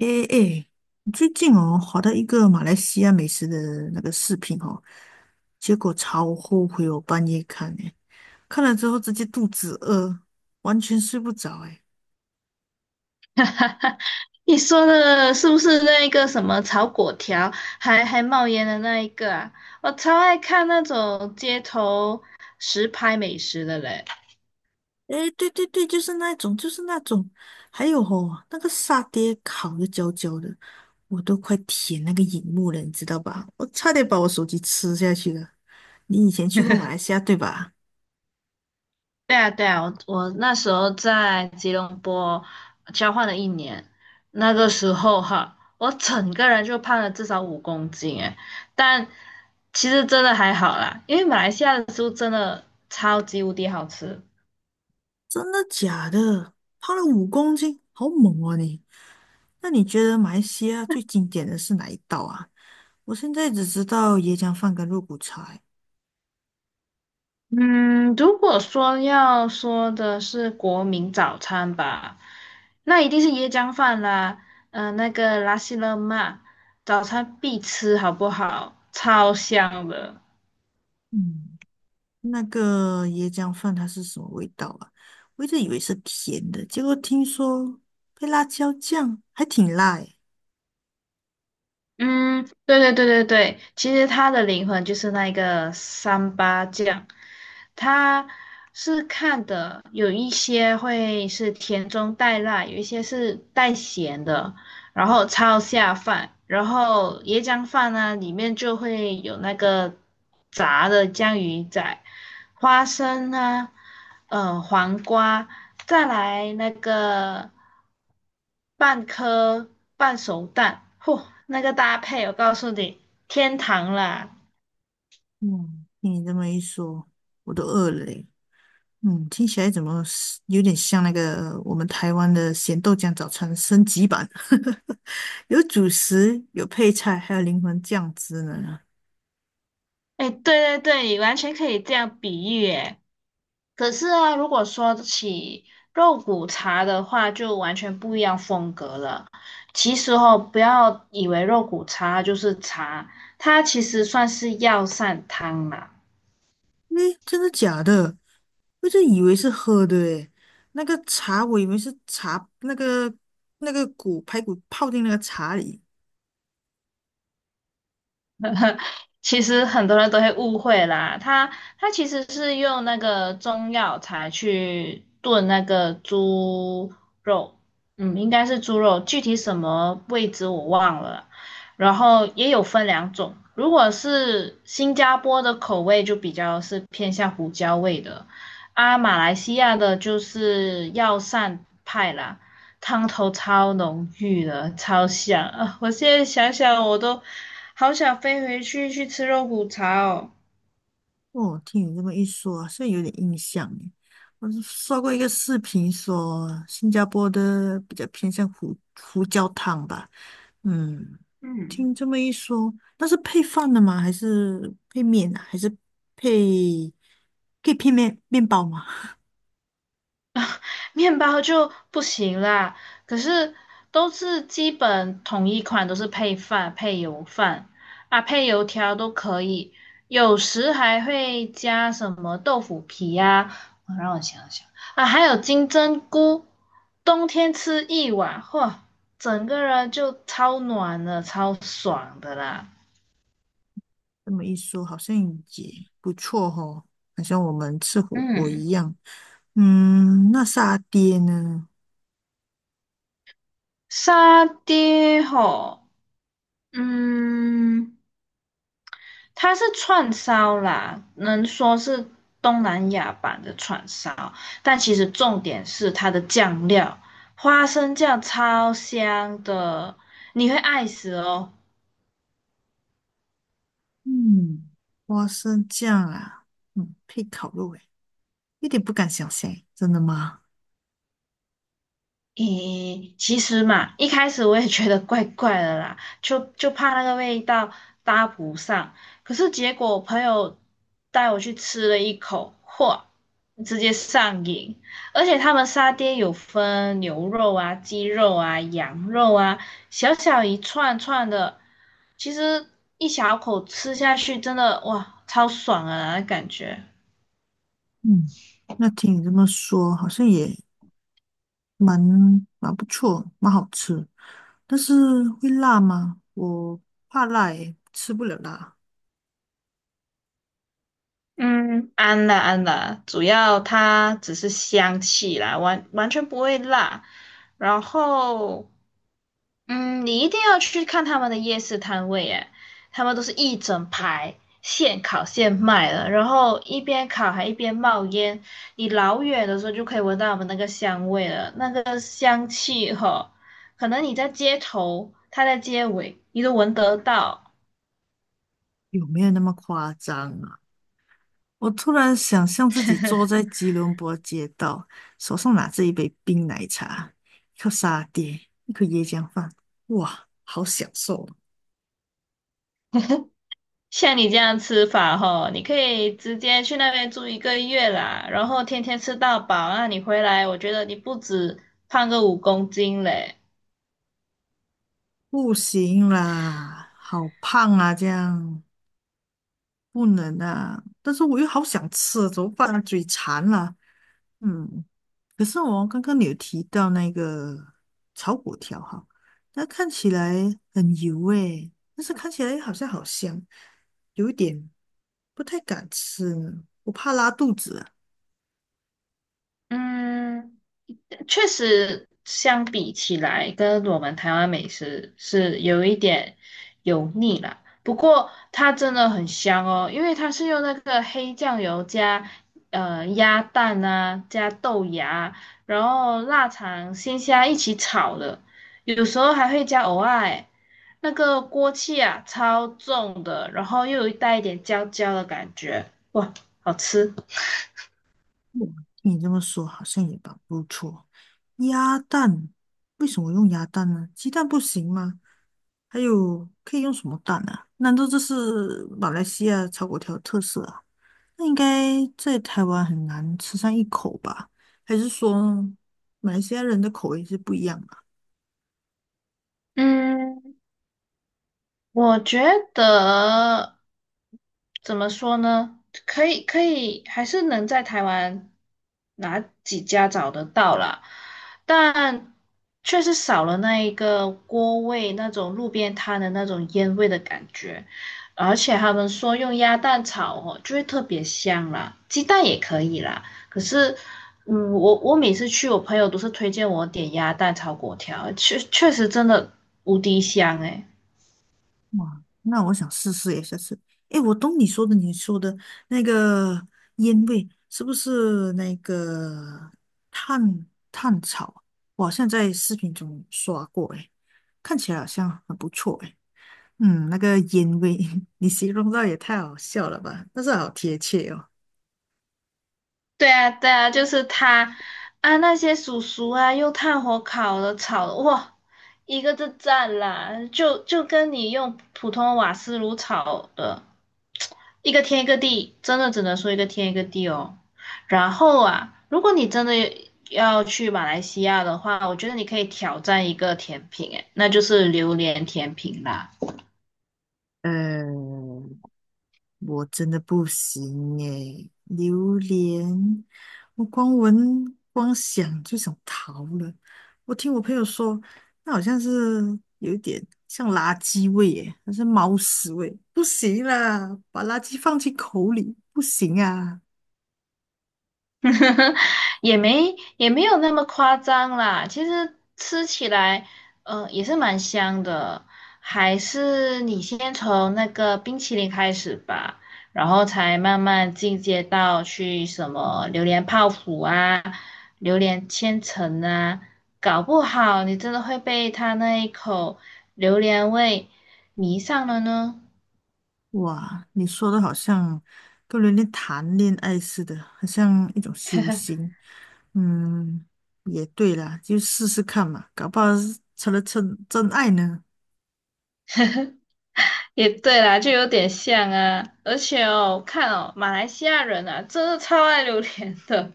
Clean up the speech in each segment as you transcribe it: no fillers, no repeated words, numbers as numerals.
诶诶，最近哦，滑到一个马来西亚美食的那个视频哦，结果超后悔我半夜看诶，看了之后直接肚子饿，完全睡不着诶。你说的是不是那一个什么炒粿条，还冒烟的那一个啊？我超爱看那种街头实拍美食的嘞。诶，对对对，就是那种，还有哦，那个沙爹烤的焦焦的，我都快舔那个荧幕了，你知道吧？我差点把我手机吃下去了。你以前去过马来西亚对吧？对啊，对啊，我那时候在吉隆坡交换了1年，那个时候哈，我整个人就胖了至少五公斤诶，但其实真的还好啦，因为马来西亚的食物真的超级无敌好吃。真的假的？胖了5公斤，好猛啊你！那你觉得马来西亚最经典的是哪一道啊？我现在只知道椰浆饭跟肉骨茶欸。嗯，如果说要说的是国民早餐吧，那一定是椰浆饭啦，那个拉西勒玛，早餐必吃，好不好？超香的。嗯，那个椰浆饭它是什么味道啊？我一直以为是甜的，结果听说配辣椒酱还挺辣诶。嗯，对对对对对，其实它的灵魂就是那个三八酱，它是看的，有一些会是甜中带辣，有一些是带咸的。然后超下饭，然后椰浆饭呢，里面就会有那个炸的江鱼仔、花生啊，黄瓜，再来那个半颗半熟蛋，嚯，那个搭配我告诉你，天堂啦！嗯，听你这么一说，我都饿了诶。嗯，听起来怎么是有点像那个我们台湾的咸豆浆早餐升级版，有主食，有配菜，还有灵魂酱汁呢。哎，对对对，完全可以这样比喻诶。可是啊，如果说起肉骨茶的话，就完全不一样风格了。其实哦，不要以为肉骨茶就是茶，它其实算是药膳汤啦。诶，真的假的？我就以为是喝的诶，那个茶我以为是茶，那个排骨泡进那个茶里。其实很多人都会误会啦，它其实是用那个中药材去炖那个猪肉，应该是猪肉，具体什么位置我忘了。然后也有分两种，如果是新加坡的口味就比较是偏向胡椒味的，啊，马来西亚的就是药膳派啦。汤头超浓郁的，超香啊！我现在想想我都好想飞回去吃肉骨茶哦。哦，听你这么一说，现在有点印象诶。我是刷过一个视频说，新加坡的比较偏向胡椒汤吧。嗯，嗯，听这么一说，那是配饭的吗？还是配面啊？还是配可以配面包吗？面包就不行啦，可是都是基本统一款，都是配饭、配油饭啊，配油条都可以，有时还会加什么豆腐皮呀、我让我想想啊，还有金针菇，冬天吃一碗，嚯，整个人就超暖了，超爽的啦。这么一说，好像也不错哦，好像我们吃火锅嗯，一样。嗯，那沙爹呢？沙爹吼，嗯。它是串烧啦，能说是东南亚版的串烧，但其实重点是它的酱料，花生酱超香的，你会爱死哦。嗯，花生酱啊，嗯，配烤肉，诶，一点不敢想象诶，真的吗？咦，其实嘛，一开始我也觉得怪怪的啦，就怕那个味道搭不上。可是结果我朋友带我去吃了一口，嚯，直接上瘾！而且他们沙爹有分牛肉啊、鸡肉啊、羊肉啊，小小一串串的，其实一小口吃下去，真的哇，超爽啊，那感觉。嗯，那听你这么说，好像也蛮蛮不错，蛮好吃。但是会辣吗？我怕辣，诶，吃不了辣。嗯，安啦安啦，主要它只是香气啦，完全不会辣。然后，你一定要去看他们的夜市摊位，诶，他们都是一整排现烤现卖的，然后一边烤还一边冒烟，你老远的时候就可以闻到他们那个香味了，那个香气哈，可能你在街头，他在街尾，你都闻得到。有没有那么夸张啊？我突然想象自己坐在吉隆坡街道，手上拿着一杯冰奶茶，一口沙爹，一口椰浆饭，哇，好享受哦！像你这样吃法吼，你可以直接去那边住1个月啦，然后天天吃到饱，那你回来，我觉得你不止胖个五公斤嘞。不行啦，好胖啊，这样。不能啊！但是我又好想吃，怎么办啊？嘴馋了。嗯，可是我刚刚你有提到那个炒粿条哈，它看起来很油诶，但是看起来好像好香，有一点不太敢吃呢，我怕拉肚子啊。嗯，确实相比起来，跟我们台湾美食是有一点油腻啦。不过它真的很香哦，因为它是用那个黑酱油加鸭蛋啊，加豆芽，然后腊肠、鲜虾一起炒的，有时候还会加藕啊欸那个锅气啊，超重的，然后又有带一点焦焦的感觉，哇，好吃。哇，听你这么说，好像也蛮不错。鸭蛋，为什么用鸭蛋呢？鸡蛋不行吗？还有可以用什么蛋啊？难道这是马来西亚炒粿条的特色啊？那应该在台湾很难吃上一口吧？还是说马来西亚人的口味是不一样的？嗯，我觉得怎么说呢？可以，可以，还是能在台湾哪几家找得到啦，但确实少了那一个锅味，那种路边摊的那种烟味的感觉。而且他们说用鸭蛋炒哦，就会特别香啦，鸡蛋也可以啦。可是，我每次去，我朋友都是推荐我点鸭蛋炒粿条，确实真的无敌香诶、哇，那我想试试耶，下次。诶，我懂你说的，那个烟味是不是那个炭炭草？我好像在视频中刷过，诶，看起来好像很不错，诶。嗯，那个烟味，你形容到也太好笑了吧？但是好贴切哦。对啊，对啊，就是他，啊，那些叔叔啊，用炭火烤的、炒的，哇，一个字赞啦，就跟你用普通瓦斯炉炒的，一个天一个地，真的只能说一个天一个地哦。然后啊，如果你真的要去马来西亚的话，我觉得你可以挑战一个甜品，诶，那就是榴莲甜品啦。呃，我真的不行耶，榴莲，我光闻光想就想逃了。我听我朋友说，那好像是有一点像垃圾味耶，还是猫屎味，不行啦，把垃圾放进口里不行啊！也没有那么夸张啦。其实吃起来，也是蛮香的。还是你先从那个冰淇淋开始吧，然后才慢慢进阶到去什么榴莲泡芙啊、榴莲千层啊。搞不好你真的会被它那一口榴莲味迷上了呢。哇，你说的好像跟人家谈恋爱似的，好像一种修行。嗯，也对啦，就试试看嘛，搞不好是成了真爱呢。也对啦，就有点像啊。而且哦，看哦，马来西亚人啊，真的超爱榴莲的，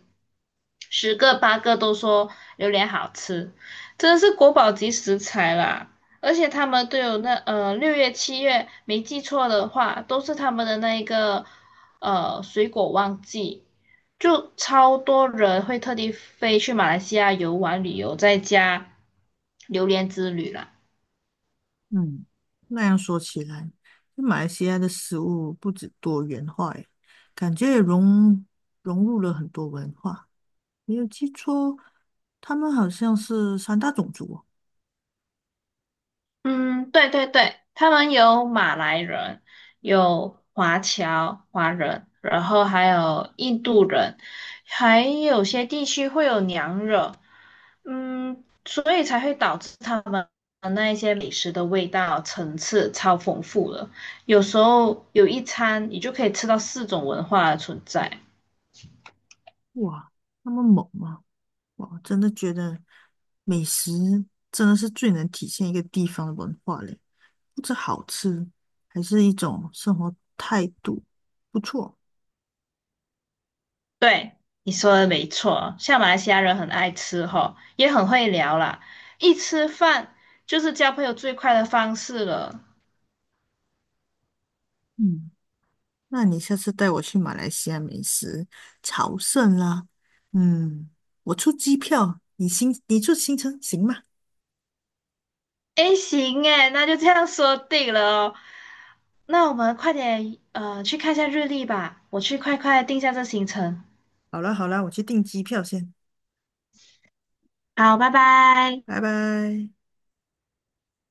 十个八个都说榴莲好吃，真的是国宝级食材啦。而且他们都有那6月7月，没记错的话，都是他们的那一个水果旺季，就超多人会特地飞去马来西亚游玩旅游，再加榴莲之旅啦。嗯，那样说起来，就马来西亚的食物不止多元化耶，感觉也融入了很多文化。没有记错，他们好像是三大种族哦。嗯，对对对，他们有马来人，有华侨华人，然后还有印度人，还有些地区会有娘惹，嗯，所以才会导致他们那一些美食的味道层次超丰富了。有时候有一餐，你就可以吃到四种文化的存在。哇，那么猛吗？哇，真的觉得美食真的是最能体现一个地方的文化嘞，不止好吃，还是一种生活态度，不错。对，你说的没错，像马来西亚人很爱吃吼，也很会聊啦，一吃饭就是交朋友最快的方式了。嗯。那你下次带我去马来西亚美食朝圣啦。嗯，我出机票，你出行程行吗？诶，行诶，那就这样说定了哦。那我们快点去看一下日历吧，我去快快定下这行程。好啦好啦，我去订机票先，好，拜拜。拜拜。